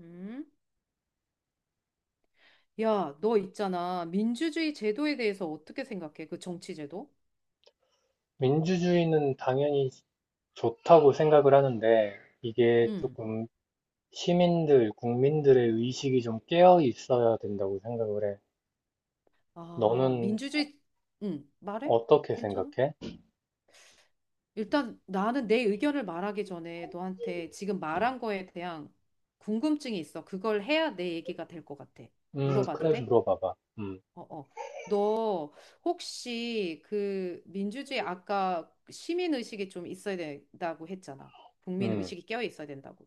음? 야, 너 있잖아. 민주주의 제도에 대해서 어떻게 생각해? 그 정치 제도? 민주주의는 당연히 좋다고 생각을 하는데 이게 응, 조금 시민들, 국민들의 의식이 좀 깨어 있어야 된다고 생각을 해. 아, 너는 민주주의, 응, 말해? 어떻게 괜찮아? 생각해? 일단 나는 내 의견을 말하기 전에 너한테 지금 말한 거에 대한 궁금증이 있어. 그걸 해야 내 얘기가 될 것 같아. 물어봐도 그래, 돼? 물어봐봐. 어, 어. 너 혹시 그 민주주의 아까 시민의식이 좀 있어야 된다고 했잖아. 음, 국민의식이 깨어 있어야 된다고.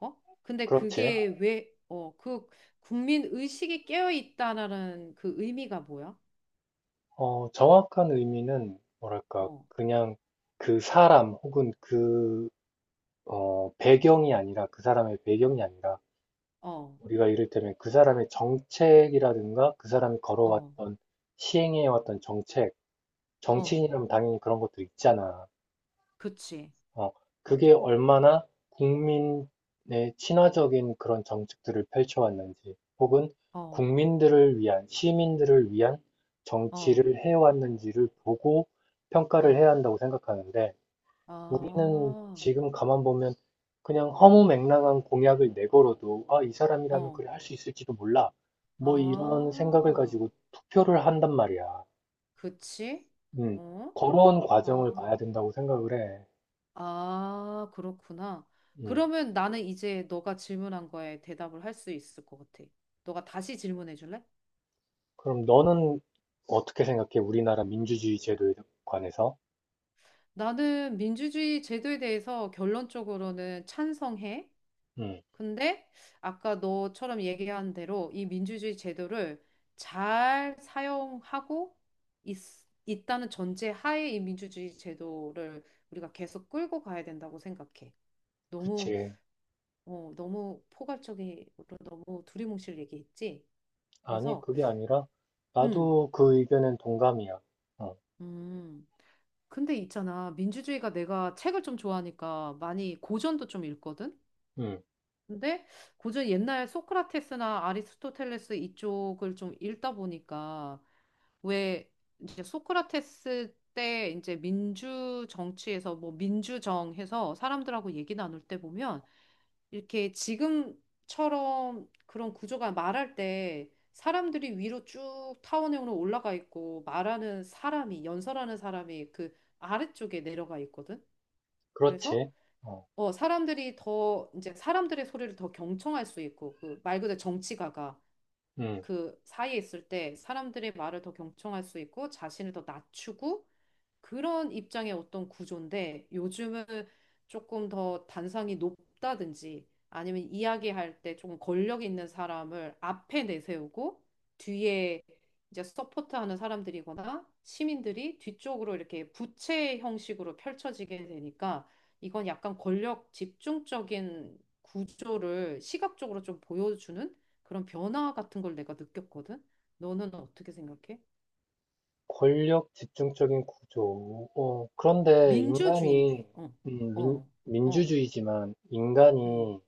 어? 근데 그렇지. 그게 왜, 그 국민 의식이 깨어 있다라는 그 의미가 뭐야? 어, 정확한 의미는 뭐랄까, 어, 그냥 그 사람 혹은 그, 어, 배경이 아니라, 그 사람의 배경이 아니라, 어, 우리가 이를테면 그 사람의 정책이라든가, 그 사람이 어, 걸어왔던, 시행해왔던 정책, 어, 정치인이라면 당연히 그런 것도 있잖아. 그치. 어, 그게 맞아. 얼마나 국민의 친화적인 그런 정책들을 펼쳐왔는지, 혹은 어, 국민들을 위한, 시민들을 위한 어, 정치를 해왔는지를 보고 평가를 어, 해야 한다고 생각하는데, 아, 우리는 지금 가만 보면 그냥 허무맹랑한 공약을 내걸어도, 아, 이 사람이라면 어, 그래 할 수 있을지도 몰라. 뭐 이런 생각을 아, 가지고 투표를 한단 말이야. 그치? 음. 어? 걸어온 과정을 아, 봐야 된다고 생각을 해. 아, 그렇구나. 음. 그러면 나는 이제 너가 질문한 거에 대답을 할 수 있을 것 같아. 너가 다시 질문해 줄래? 그럼 너는 어떻게 생각해? 우리나라 민주주의 제도에 관해서? 나는 민주주의 제도에 대해서 결론적으로는 찬성해. 음, 근데 아까 너처럼 얘기한 대로 이 민주주의 제도를 잘 사용하고 있, 있다는 전제 하에 이 민주주의 제도를 우리가 계속 끌고 가야 된다고 생각해. 너무, 그치. 너무 포괄적으로 너무 두리뭉실 얘기했지. 아니, 그래서, 그게 아니라, 음, 나도 그 의견엔 동감이야. 어, 음. 근데 있잖아. 민주주의가 내가 책을 좀 좋아하니까 많이 고전도 좀 읽거든? 음, 근데 고전 옛날 소크라테스나 아리스토텔레스 이쪽을 좀 읽다 보니까 왜 이제 소크라테스 때 이제 민주 정치에서 뭐 민주정 해서 사람들하고 얘기 나눌 때 보면 이렇게 지금처럼 그런 구조가 말할 때 사람들이 위로 쭉 타원형으로 올라가 있고 말하는 사람이 연설하는 사람이 그 아래쪽에 내려가 있거든. 그래서 그렇지. 어, 이제 사람들의 소리를 더 경청할 수 있고, 그 말 그대로 정치가가 음, 그 사이에 있을 때 사람들의 말을 더 경청할 수 있고, 자신을 더 낮추고, 그런 입장의 어떤 구조인데 요즘은 조금 더 단상이 높다든지 아니면 이야기할 때 조금 권력 있는 사람을 앞에 내세우고 뒤에 이제 서포트하는 사람들이거나 시민들이 뒤쪽으로 이렇게 부채 형식으로 펼쳐지게 되니까 이건 약간 권력 집중적인 구조를 시각적으로 좀 보여주는 그런 변화 같은 걸 내가 느꼈거든. 너는 어떻게 생각해? 권력 집중적인 구조. 어, 그런데 인간이, 민주주의인데, 어, 민, 어. 어. 민주주의지만, 음, 인간이,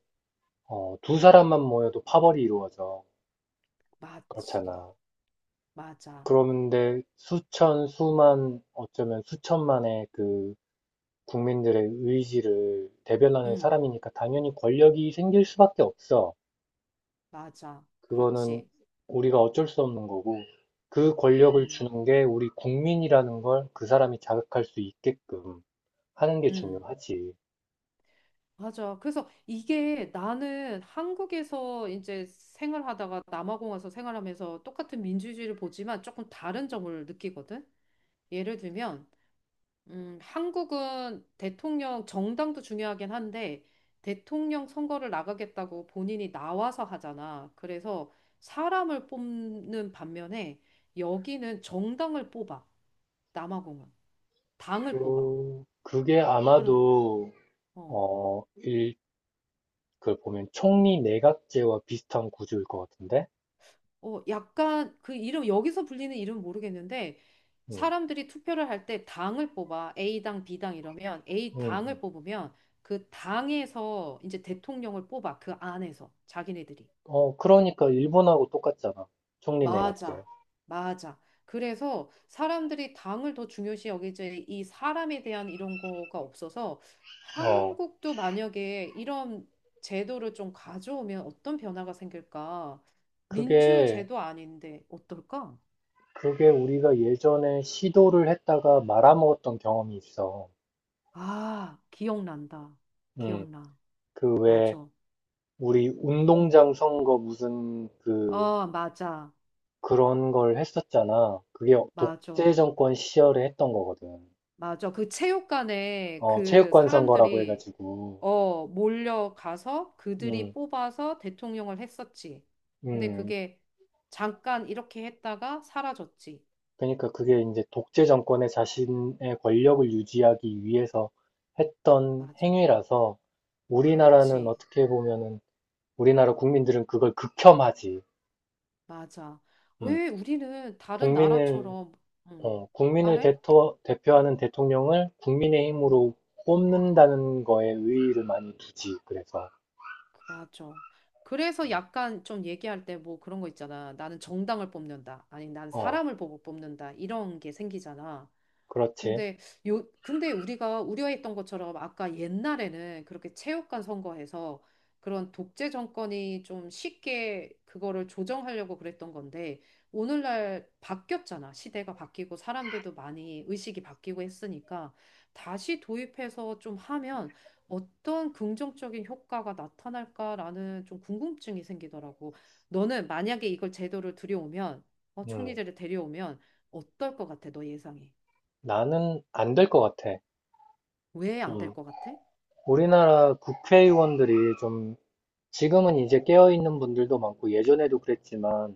어, 두 사람만 모여도 파벌이 이루어져. 맞지. 그렇잖아. 맞아. 그런데 수천, 수만, 어쩌면 수천만의 그 국민들의 의지를 대변하는 음, 사람이니까 당연히 권력이 생길 수밖에 없어. 맞아. 그거는 그렇지. 우리가 어쩔 수 없는 거고, 그 권력을 음, 주는 게 우리 국민이라는 걸 그 사람이 자각할 수 있게끔 하는 게 음, 중요하지. 맞아. 그래서 이게 나는 한국에서 이제 생활하다가 남아공 와서 생활하면서 똑같은 민주주의를 보지만 조금 다른 점을 느끼거든. 예를 들면, 한국은 대통령 정당도 중요하긴 한데 대통령 선거를 나가겠다고 본인이 나와서 하잖아. 그래서 사람을 뽑는 반면에 여기는 정당을 뽑아. 남아공은 당을 뽑아. 그, 그게 그럼 아마도, 어, 어, 일, 그 보면 총리 내각제와 비슷한 구조일 것 같은데? 어 약간 그 이름 여기서 불리는 이름 모르겠는데 음, 사람들이 투표를 할 때 당을 뽑아 A당, B당 이러면 음, 음. A당을 뽑으면 그 당에서 이제 대통령을 뽑아 그 안에서 자기네들이. 어, 그러니까 일본하고 똑같잖아. 총리 내각제. 맞아, 맞아. 그래서 사람들이 당을 더 중요시 여기지 이 사람에 대한 이런 거가 없어서 어, 한국도 만약에 이런 제도를 좀 가져오면 어떤 변화가 생길까? 민주 그게 제도 아닌데 어떨까? 그게 우리가 예전에 시도를 했다가 말아먹었던 경험이 있어. 아, 기억난다. 음, 기억나. 그 왜 맞아. 우리 응. 운동장 선거 무슨 그 어, 맞아. 그런 걸 했었잖아. 그게 독재 맞아. 정권 시절에 했던 거거든. 맞아. 그 체육관에 어, 그 체육관 선거라고 사람들이 해가지고. 어, 몰려가서 그들이 음, 뽑아서 대통령을 했었지. 근데 음. 그게 잠깐 이렇게 했다가 사라졌지. 그러니까 그게 이제 독재 정권의 자신의 권력을 유지하기 위해서 했던 맞아. 행위라서 우리나라는 그렇지. 어떻게 보면은 우리나라 국민들은 그걸 극혐하지. 맞아. 음. 왜 우리는 다른 국민을, 나라처럼, 어, 음, 국민을 말해? 대토, 대표하는 대통령을 음, 국민의힘으로 뽑는다는 거에 의의를 많이 두지. 그래서, 맞아. 그래서 약간 좀 얘기할 때 뭐 그런 거 있잖아. 나는 정당을 뽑는다. 아니, 난 어, 사람을 보고 뽑는다. 이런 게 생기잖아. 그렇지. 근데 요 근데 우리가 우려했던 것처럼 아까 옛날에는 그렇게 체육관 선거에서 그런 독재 정권이 좀 쉽게 그거를 조정하려고 그랬던 건데 오늘날 바뀌었잖아. 시대가 바뀌고 사람들도 많이 의식이 바뀌고 했으니까 다시 도입해서 좀 하면 어떤 긍정적인 효과가 나타날까라는 좀 궁금증이 생기더라고. 너는 만약에 이걸 제도를 들여오면 어, 음, 총리제를 데려오면 어떨 것 같아? 너 예상이? 나는 안 될 것 같아. 왜 안될 좀, 것 같아? 우리나라 국회의원들이 좀, 지금은 이제 깨어있는 분들도 많고, 예전에도 그랬지만,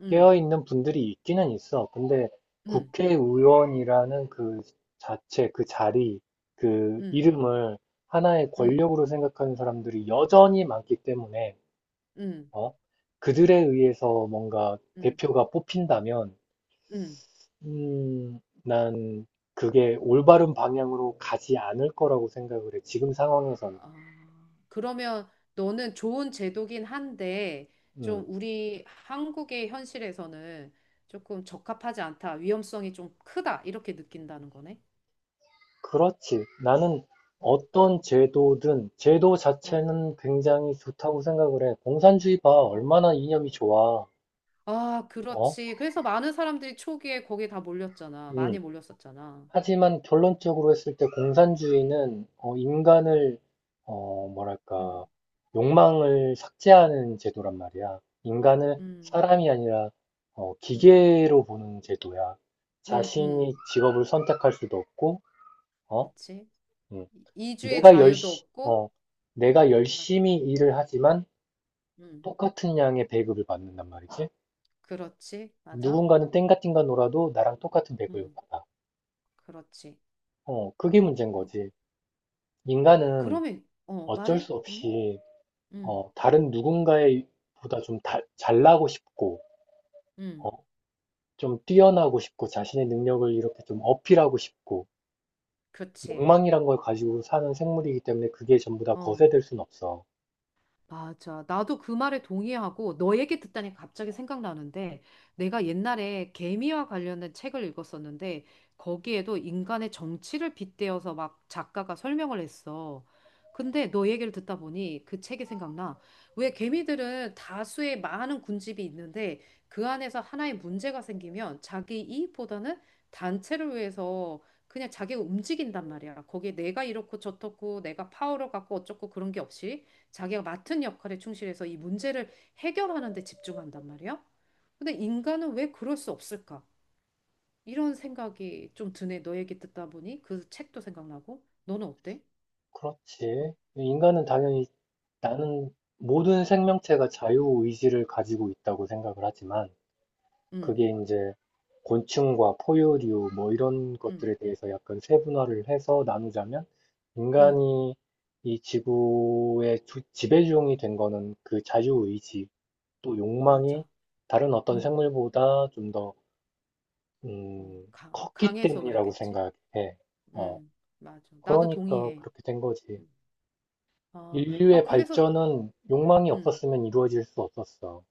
응, 깨어있는 분들이 있기는 있어. 근데 응, 국회의원이라는 그 자체, 그 자리, 그 응, 이름을 하나의 응, 권력으로 생각하는 사람들이 여전히 많기 때문에, 응, 어? 그들에 의해서 뭔가 응, 대표가 뽑힌다면, 응. 음, 난 그게 올바른 방향으로 가지 않을 거라고 생각을 해. 지금 상황에서는. 아, 그러면 너는 좋은 제도긴 한데, 음. 좀 우리 한국의 현실에서는 조금 적합하지 않다, 위험성이 좀 크다, 이렇게 느낀다는 거네? 그렇지. 나는 어떤 제도든 제도 어, 자체는 굉장히 좋다고 생각을 해. 공산주의 봐. 어. 얼마나 이념이 좋아. 아, 어? 그렇지. 그래서 많은 사람들이 초기에 거기에 다 몰렸잖아. 음. 많이 몰렸었잖아. 하지만 결론적으로 했을 때 공산주의는 어, 인간을 어, 뭐랄까 음, 욕망을 삭제하는 제도란 말이야. 인간을 음, 사람이 아니라 어, 음, 기계로 보는 제도야. 음, 자신이 음. 직업을 선택할 수도 없고, 어? 그치? 음. 이주의 자유도 없고, 어, 내가 맞아. 열심히 일을 하지만 음. 똑같은 양의 배급을 받는단 말이지. 그렇지. 맞아. 누군가는 땡가띵가 놀아도 나랑 똑같은 배급을 음, 받아. 그렇지. 어, 그게 문제인 그, 거지. 인간은 그러면, 어, 어쩔 말해? 수 응? 없이, 응, 어, 다른 누군가의 보다 잘나고 싶고, 응. 어, 좀 뛰어나고 싶고, 자신의 능력을 이렇게 좀 어필하고 싶고, 그렇지. 욕망이란 걸 가지고 사는 생물이기 때문에 그게 전부 다 어, 거세될 순 없어. 맞아. 나도 그 말에 동의하고 너 얘기 듣다니 갑자기 생각나는데 내가 옛날에 개미와 관련된 책을 읽었었는데 거기에도 인간의 정치를 빗대어서 막 작가가 설명을 했어. 근데 너 얘기를 듣다 보니 그 책이 생각나. 왜 개미들은 다수의 많은 군집이 있는데 그 안에서 하나의 문제가 생기면 자기 이익보다는 단체를 위해서 그냥 자기가 움직인단 말이야. 거기에 내가 이렇고 저렇고 내가 파워를 갖고 어쩌고 그런 게 없이. 자기가 맡은 역할에 충실해서 이 문제를 해결하는 데 집중한단 말이야. 근데 인간은 왜 그럴 수 없을까? 이런 생각이 좀 드네. 너 얘기 듣다 보니 그 책도 생각나고. 너는 어때? 어, 그렇지. 인간은 당연히 나는 모든 생명체가 자유의지를 가지고 있다고 생각을 하지만 음, 그게 이제 곤충과 포유류 뭐 이런 음, 것들에 대해서 약간 세분화를 해서 나누자면 음, 인간이 이 지구의 지배종이 된 거는 그 자유의지 또 맞아. 욕망이 다른 어떤 음, 생물보다 좀 더, 음, 컸기 강해서 때문이라고 그랬겠지? 생각해. 어, 음, 맞아. 나도 그러니까 동의해. 그렇게 된 거지. 음. 어, 아, 인류의 그래서, 발전은 욕망이 응. 없었으면 이루어질 수 없었어.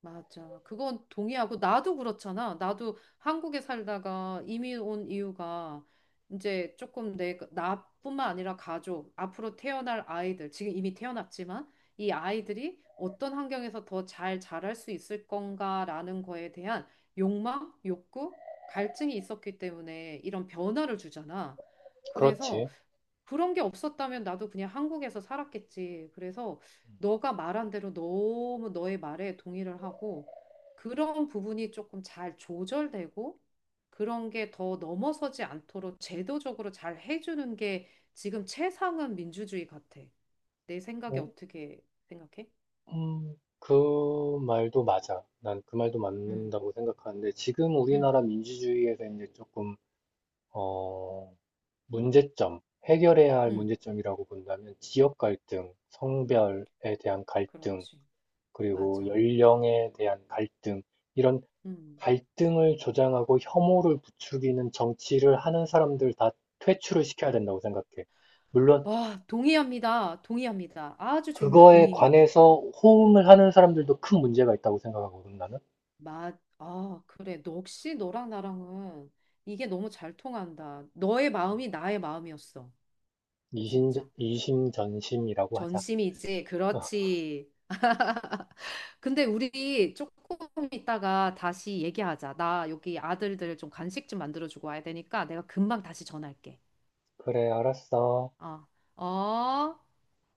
맞아. 그건 동의하고 나도 그렇잖아. 나도 한국에 살다가 이민 온 이유가 이제 조금 내 그 나뿐만 아니라 가족, 앞으로 태어날 아이들, 지금 이미 태어났지만 이 아이들이 어떤 환경에서 더 잘 자랄 수 있을 건가라는 거에 대한 욕망, 욕구, 갈증이 있었기 때문에 이런 변화를 주잖아. 그래서 그렇지. 그런 게 없었다면 나도 그냥 한국에서 살았겠지. 그래서 너가 말한 대로 너무 너의 말에 동의를 하고 그런 부분이 조금 잘 조절되고 그런 게 더 넘어서지 않도록 제도적으로 잘 해주는 게 지금 최상은 민주주의 같아. 내 생각에 어떻게 생각해? 어, 그 말도 맞아. 난 그 말도 응, 맞는다고 생각하는데, 지금 응, 우리나라 민주주의에서 이제 조금, 어, 문제점, 해결해야 할 응. 문제점이라고 본다면, 지역 갈등, 성별에 대한 갈등, 그렇지. 그리고 맞아. 연령에 대한 갈등, 이런 음. 갈등을 조장하고 혐오를 부추기는 정치를 하는 사람들 다 퇴출을 시켜야 된다고 생각해. 물론 와, 동의합니다. 동의합니다. 아주 좀 그거에 동의해. 관해서 호응을 하는 사람들도 큰 문제가 있다고 생각하거든, 나는. 아, 그래. 너 역시 너랑 나랑은 이게 너무 잘 통한다. 너의 마음이 나의 마음이었어. 이심, 진짜. 이심전심이라고 하자. 전심이지. 어, 그렇지. 근데 우리 조금 있다가 다시 얘기하자. 나 여기 아들들 좀 간식 좀 만들어주고 와야 되니까 내가 금방 다시 전화할게. 그래, 알았어. 어, 어.